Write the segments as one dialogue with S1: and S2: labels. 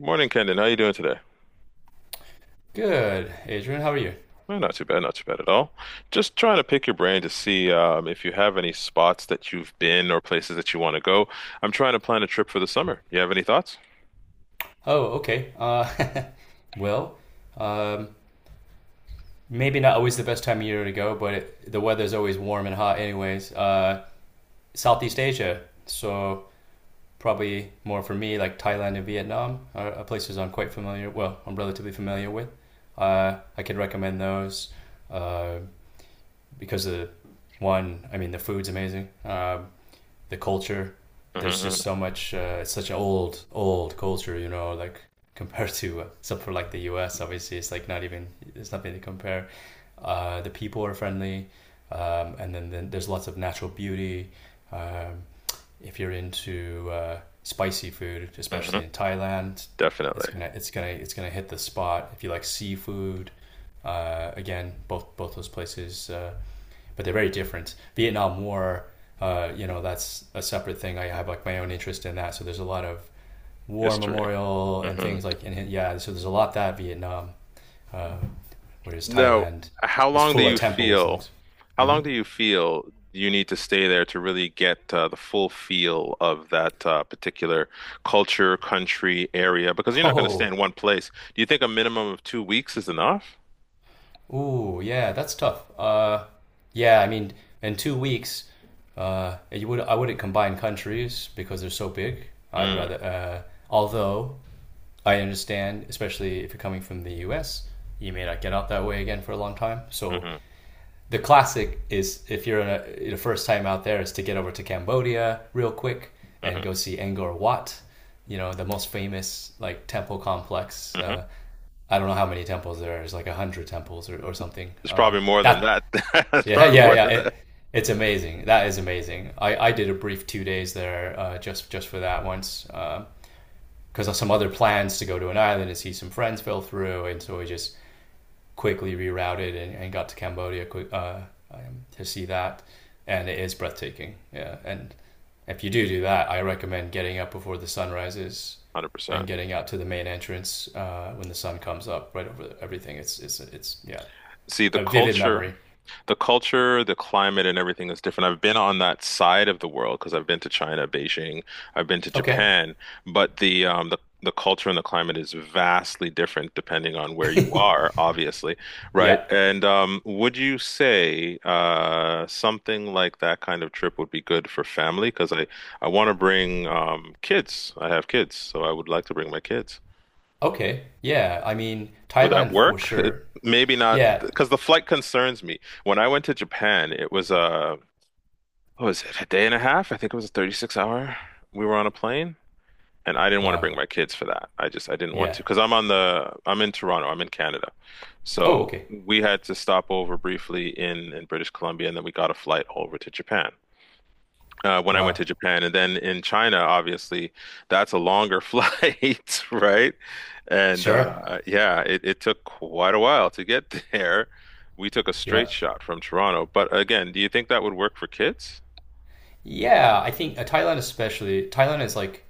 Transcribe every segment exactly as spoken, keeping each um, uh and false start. S1: Morning, Kendon. How you doing today?
S2: Good, Adrian. How are you?
S1: Well, not too bad, not too bad at all. Just trying to pick your brain to see um, if you have any spots that you've been or places that you want to go. I'm trying to plan a trip for the summer. You have any thoughts?
S2: Oh, okay. Uh, well, um, maybe not always the best time of year to go, but it, the weather's always warm and hot, anyways. Uh, Southeast Asia, so probably more for me, like Thailand and Vietnam are, are places I'm quite familiar. Well, I'm relatively familiar with. Uh, I can recommend those uh, because the one, I mean, the food's amazing. Um the culture. There's just
S1: hmm
S2: so much. Uh, it's such an old, old culture, you know. Like compared to, uh, except for like the U S, obviously, it's like not even. It's nothing to compare. Uh, the people are friendly, um, and then, then there's lots of natural beauty. Um, if you're into uh, spicy food,
S1: hmm
S2: especially in Thailand, it's
S1: Definitely.
S2: gonna it's gonna it's gonna hit the spot. If you like seafood, uh, again, both both those places uh, but they're very different. Vietnam War, uh, you know, that's a separate thing. I have like my own interest in that. So there's a lot of war
S1: History.
S2: memorial and
S1: hmm
S2: things like, and yeah, so there's a lot that Vietnam, uh, whereas
S1: Now,
S2: Thailand
S1: how
S2: is
S1: long do
S2: full of
S1: you
S2: temples and
S1: feel?
S2: things.
S1: How
S2: Hmm.
S1: long do you feel you need to stay there to really get uh, the full feel of that uh, particular culture, country, area? Because you're not going to stay in
S2: Oh,
S1: one place. Do you think a minimum of two weeks is enough?
S2: ooh, yeah, that's tough. Uh, yeah, I mean, in two weeks, uh, you would I wouldn't combine countries because they're so big. I'd
S1: Mm.
S2: rather, uh, although I understand, especially if you're coming from the U S, you may not get out that way again for a long time. So
S1: hmm
S2: the classic is if you're in a, the first time out there is to get over to Cambodia real quick and
S1: hmm
S2: go see Angkor Wat, you know, the most famous like temple complex. Uh,
S1: hmm
S2: I don't know how many temples there are. There's like a hundred temples or, or something.
S1: It's
S2: Uh,
S1: probably more than
S2: that
S1: that. It's
S2: yeah
S1: probably
S2: yeah
S1: more
S2: yeah
S1: than that.
S2: it, it's amazing. That is amazing. I, I did a brief two days there uh, just just for that once. Um, because some other plans to go to an island and see some friends fell through, and so we just quickly rerouted and, and got to Cambodia uh, um, to see that, and it is breathtaking. Yeah, and if you do do that, I recommend getting up before the sun rises and
S1: one hundred percent.
S2: getting out to the main entrance uh, when the sun comes up right over everything. It's it's it's yeah,
S1: See, the
S2: a vivid
S1: culture
S2: memory.
S1: The culture, the climate, and everything is different. I've been on that side of the world because I've been to China, Beijing. I've been to
S2: Okay,
S1: Japan, but the um the The culture and the climate is vastly different depending on where you are, obviously, right?
S2: yeah,
S1: And um, Would you say uh, something like that kind of trip would be good for family? Because I, I want to bring um, kids. I have kids, so I would like to bring my kids.
S2: okay, yeah. I mean
S1: Would that
S2: Thailand for
S1: work?
S2: sure.
S1: Maybe not,
S2: Yeah,
S1: because the flight concerns me. When I went to Japan, it was a what was it, a day and a half? I think it was a thirty-six hour. We were on a plane, and I didn't want to
S2: wow,
S1: bring my kids for that. I just I didn't want to
S2: yeah.
S1: because I'm on the I'm in Toronto. I'm in Canada,
S2: Oh,
S1: so
S2: okay,
S1: we had to stop over briefly in in British Columbia, and then we got a flight over to Japan. Uh, when I went
S2: wow,
S1: to Japan, and then in China, obviously that's a longer flight, right? And
S2: sure.
S1: uh, yeah, it, it took quite a while to get there. We took a straight
S2: Yeah.
S1: shot from Toronto, but again, do you think that would work for kids?
S2: Yeah, I think uh, Thailand especially. Thailand is like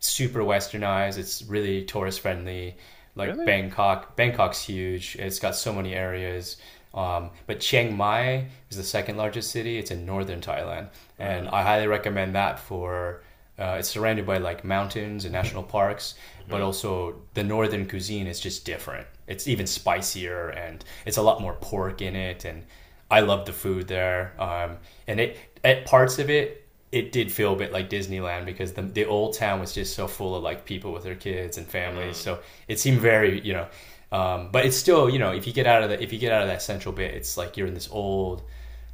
S2: super westernized. It's really tourist friendly. Like
S1: Really?
S2: Bangkok, Bangkok's huge. It's got so many areas. Um, but Chiang Mai is the second largest city. It's in northern Thailand,
S1: Hmm.
S2: and I highly recommend that for. Uh, it's surrounded by like mountains and national parks, but
S1: Mm,
S2: also the northern cuisine is just different. It's even spicier, and it's a lot more pork in it. And I love the food there. Um, and it at parts of it, it did feel a bit like Disneyland because the the old town was just so full of like people with their kids and families.
S1: mm,
S2: So it seemed very, you know, um, but it's still, you know, if you get out of the if you get out of that central bit, it's like you're in this old,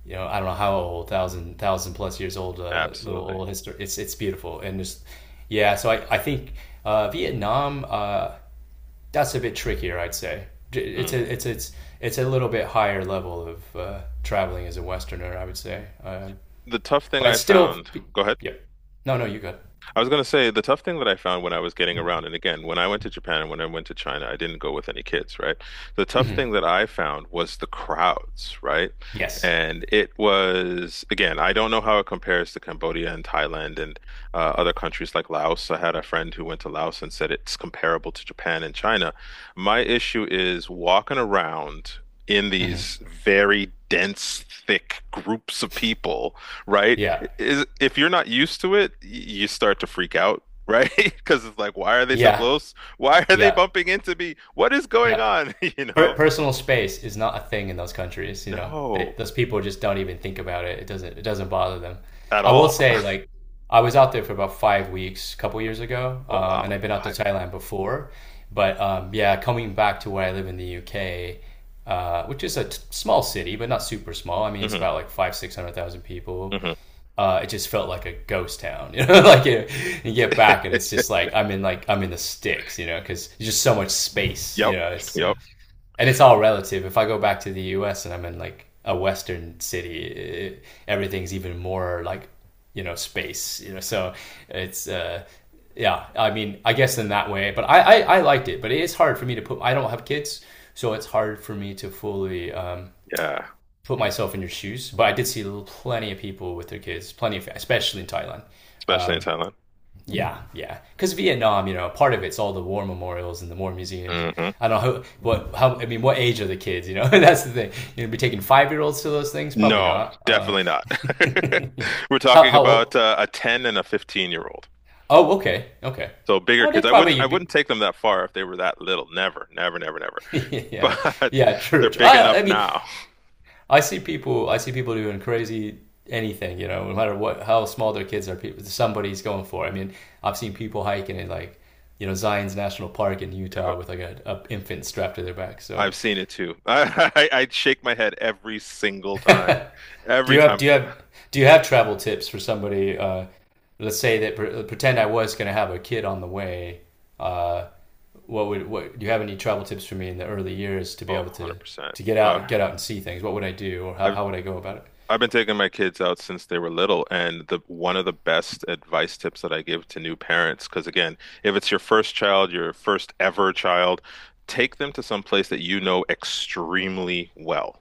S2: you know, I don't know how old, thousand thousand plus years old, uh, little
S1: absolutely.
S2: old history. It's it's beautiful and just yeah. So I I think uh, Vietnam uh, that's a bit trickier, I'd say. It's
S1: Mm.
S2: a it's it's it's a little bit higher level of uh, traveling as a Westerner, I would say. Um,
S1: The tough thing
S2: but
S1: I
S2: it's still,
S1: found, go ahead.
S2: yeah, no, no, you good.
S1: I was going to say the tough thing that I found when I was getting around, and again, when I went to Japan and when I went to China, I didn't go with any kids, right? The tough
S2: Hmm.
S1: thing that I found was the crowds, right?
S2: Yes.
S1: And it was, again, I don't know how it compares to Cambodia and Thailand and uh, other countries like Laos. I had a friend who went to Laos and said it's comparable to Japan and China. My issue is walking around in
S2: Hmm.
S1: these very dense, thick groups of people, right?
S2: Yeah.
S1: Is if you're not used to it, y- you start to freak out, right? Because it's like, why are they so
S2: Yeah.
S1: close? Why are they
S2: Yeah.
S1: bumping into me? What is going
S2: Yeah.
S1: on? You
S2: Per-
S1: know?
S2: personal space is not a thing in those countries. You know, they,
S1: No,
S2: those people just don't even think about it. It doesn't. It doesn't bother them.
S1: at
S2: I will
S1: all.
S2: say, like, I was out there for about five weeks a couple years ago,
S1: Oh
S2: um,
S1: wow,
S2: and I've been out to
S1: five.
S2: Thailand before. But um, yeah, coming back to where I live in the U K, uh, which is a t- small city, but not super small. I mean, it's
S1: Mm-hmm,
S2: about like five, six hundred thousand people.
S1: mm-hmm.
S2: uh, it just felt like a ghost town. You know, like you, you get back and it's just like I'm in like I'm in the sticks. You know, because there's just so much space.
S1: Yep,
S2: You know, it's uh,
S1: yep,
S2: and it's all relative. If I go back to the U S and I'm in like a Western city, it, everything's even more like you know space. You know, so it's. Uh, yeah, I mean, I guess in that way, but I, I, I liked it, but it is hard for me to put, I don't have kids, so it's hard for me to fully, um,
S1: yeah.
S2: put myself in your shoes, but I did see plenty of people with their kids, plenty of, especially in Thailand.
S1: Especially in Thailand.
S2: Yeah, yeah. Because Vietnam, you know, part of it's all the war memorials and the war museums, and
S1: hmm
S2: I don't know how, what how I mean, what age are the kids? You know, that's the thing. You know, be taking five year olds to those things, probably
S1: No,
S2: not. Uh,
S1: definitely not. We're
S2: how
S1: talking
S2: how
S1: about
S2: old?
S1: uh, a ten and a fifteen year old.
S2: Oh, okay, okay.
S1: So bigger
S2: Oh, they
S1: kids. I wouldn't
S2: probably
S1: I wouldn't
S2: be,
S1: take them that far if they were that little. Never, never, never, never.
S2: yeah,
S1: But
S2: yeah,
S1: they're
S2: true.
S1: big
S2: I, I
S1: enough
S2: mean,
S1: now.
S2: I see people. I see people doing crazy anything. You know, no matter what how small their kids are, people somebody's going for. It. I mean, I've seen people hiking in like you know Zion's National Park in
S1: Yep.
S2: Utah with like a, a infant strapped to their back. So
S1: I've seen it too. I, I I shake my head every single time.
S2: do
S1: Every
S2: you have
S1: time.
S2: do you have do you have travel tips for somebody? Uh, let's say that pre- pretend I was going to have a kid on the way. Uh, what would what do you have any travel tips for me in the early years to be
S1: Oh,
S2: able to
S1: one hundred percent.
S2: to get
S1: Uh,
S2: out get out and see things? What would I do or how,
S1: I've
S2: how would I go about it?
S1: I've been taking my kids out since they were little, and the one of the best advice tips that I give to new parents, because again, if it's your first child, your first ever child, take them to some place that you know extremely well,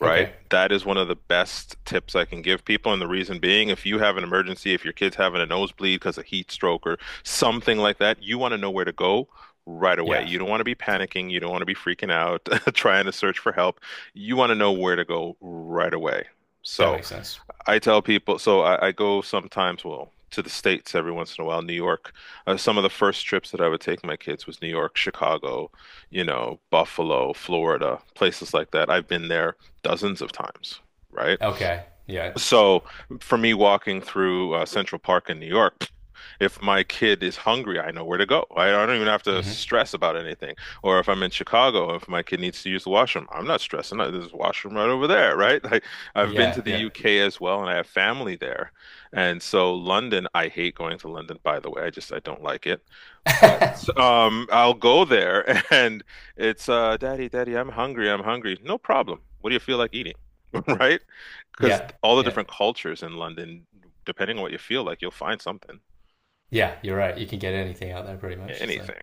S1: right?
S2: Okay,
S1: That is one of the best tips I can give people. And the reason being, if you have an emergency, if your kid's having a nosebleed because of heat stroke or something like that, you want to know where to go right away.
S2: yeah,
S1: You don't want to be panicking. You don't want to be freaking out, trying to search for help. You want to know where to go right away.
S2: that
S1: So
S2: makes sense.
S1: I tell people, so I, I go sometimes, well, to the States every once in a while, New York. Uh, some of the first trips that I would take my kids was New York, Chicago, you know, Buffalo, Florida, places like that. I've been there dozens of times, right?
S2: Okay. Yeah.
S1: So for me, walking through uh, Central Park in New York, if my kid is hungry, I know where to go. I, I don't even have to
S2: Hmm.
S1: stress about anything. Or if I'm in Chicago, if my kid needs to use the washroom, I'm not stressing. Uh, There's a washroom right over there, right? Like I've been to
S2: Yeah.
S1: the
S2: Yeah.
S1: U K as well, and I have family there. And so London, I hate going to London, by the way. I just I don't like it. But um, I'll go there, and it's uh, Daddy, Daddy, I'm hungry. I'm hungry. No problem. What do you feel like eating? Right? Because
S2: Yeah.
S1: all the
S2: Yeah.
S1: different cultures in London, depending on what you feel like, you'll find something,
S2: Yeah. You're right. You can get anything out there pretty much. So
S1: anything.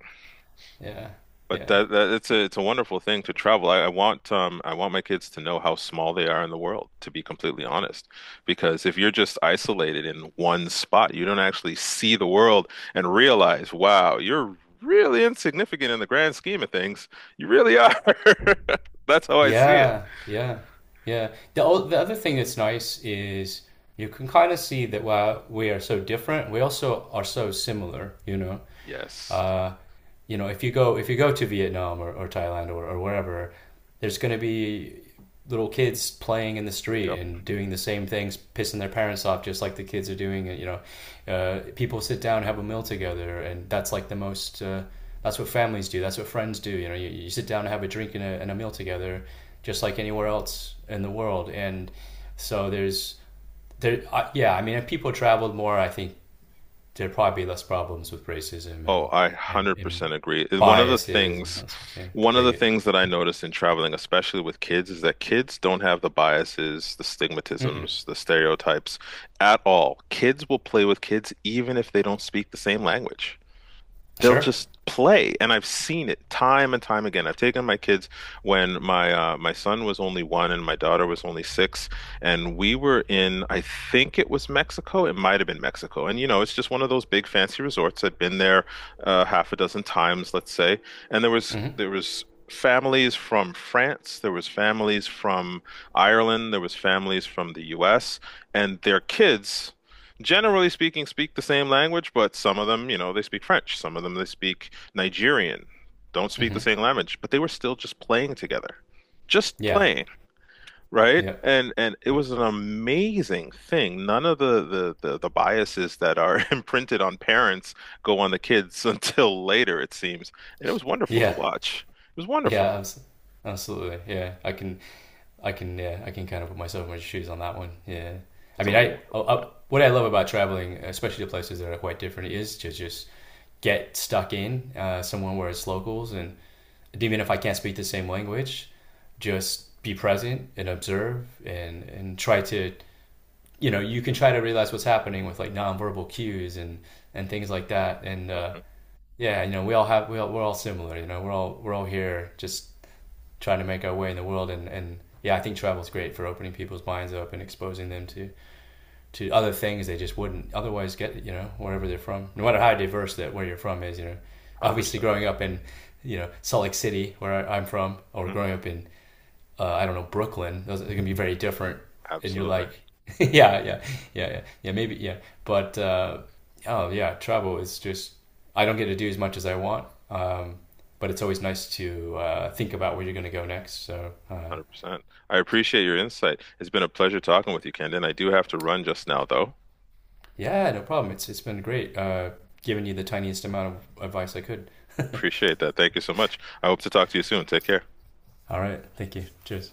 S2: yeah.
S1: But
S2: Yeah.
S1: that, that it's a it's a wonderful thing to travel. I, I want um I want my kids to know how small they are in the world, to be completely honest. Because if you're just isolated in one spot, you don't actually see the world and realize, wow, you're really insignificant in the grand scheme of things. You really are. That's how I see it.
S2: Yeah. Yeah. Yeah. The o- the other thing that's nice is you can kind of see that while we are so different, we also are so similar, you know.
S1: Yes.
S2: uh, you know, if you go if you go to Vietnam or, or Thailand or, or wherever, there's going to be little kids playing in the street
S1: Yep.
S2: and doing the same things, pissing their parents off, just like the kids are doing. You know, uh, people sit down, have a meal together, and that's like the most. Uh, that's what families do. That's what friends do. You know, you, you sit down and have a drink and a, and a meal together, just like anywhere else in the world. And so there's, there, uh, yeah. I mean, if people traveled more, I think there'd probably be less problems with racism
S1: Oh,
S2: and
S1: I
S2: and, and
S1: one hundred percent agree. And One of the
S2: biases and
S1: things,
S2: less yeah,
S1: one of the
S2: bigot.
S1: things that I noticed in traveling, especially with kids, is that kids don't have the biases, the
S2: Mm-mm.
S1: stigmatisms, the stereotypes at all. Kids will play with kids even if they don't speak the same language. They'll
S2: Sure.
S1: just play, and I've seen it time and time again. I've taken my kids when my uh, my son was only one and my daughter was only six, and we were in, I think it was Mexico. It might have been Mexico. And you know, it's just one of those big fancy resorts. I'd been there uh, half a dozen times, let's say. And there was
S2: Mm-hmm.
S1: there was families from France, there was families from Ireland, there was families from the U S, and their kids, generally speaking, speak the same language, but some of them, you know, they speak French. Some of them, they speak Nigerian. Don't speak the
S2: Mm-hmm.
S1: same language, but they were still just playing together. Just
S2: Yeah.
S1: playing, right?
S2: Yep.
S1: And and it was an amazing thing. None of the the the, the biases that are imprinted on parents go on the kids until later, it seems. And it was wonderful to
S2: Yeah.
S1: watch. It was wonderful.
S2: Yeah. abs- Absolutely. Yeah. I can. I can. Yeah. I can kind of put myself in my shoes on that one. Yeah. I
S1: It's a
S2: mean, I,
S1: wonderful
S2: I, I what I love about traveling, especially to places that are quite different, is to just get stuck in uh, somewhere where it's locals and even if I can't speak the same language, just be present and observe and and try to you know you can try to realize what's happening with like nonverbal cues and and things like that and
S1: thing.
S2: uh,
S1: hmm
S2: yeah you know we all have we all, we're all similar you know we're all we're all here just trying to make our way in the world and and yeah I think travel is great for opening people's minds up and exposing them to to other things they just wouldn't otherwise get. You know, wherever they're from, no matter how diverse that where you're from is. You know, obviously
S1: one hundred percent. Percent
S2: growing up in you know Salt Lake City, where I, am from, or
S1: hmm
S2: growing up in uh, I don't know Brooklyn, those are going to be very different. And you're
S1: Absolutely.
S2: like, yeah, yeah, yeah, yeah, yeah, maybe, yeah. But uh, oh yeah, travel is just I don't get to do as much as I want. Um, but it's always nice to uh, think about where you're going to go next. So uh,
S1: one hundred percent. I appreciate your insight. It's been a pleasure talking with you, Kendon. I do have to run just now, though.
S2: yeah, no problem. It's it's been great uh, giving you the tiniest amount of advice I could.
S1: Appreciate that. Thank you so much. I hope to talk to you soon. Take care.
S2: All right. Thank you. Cheers.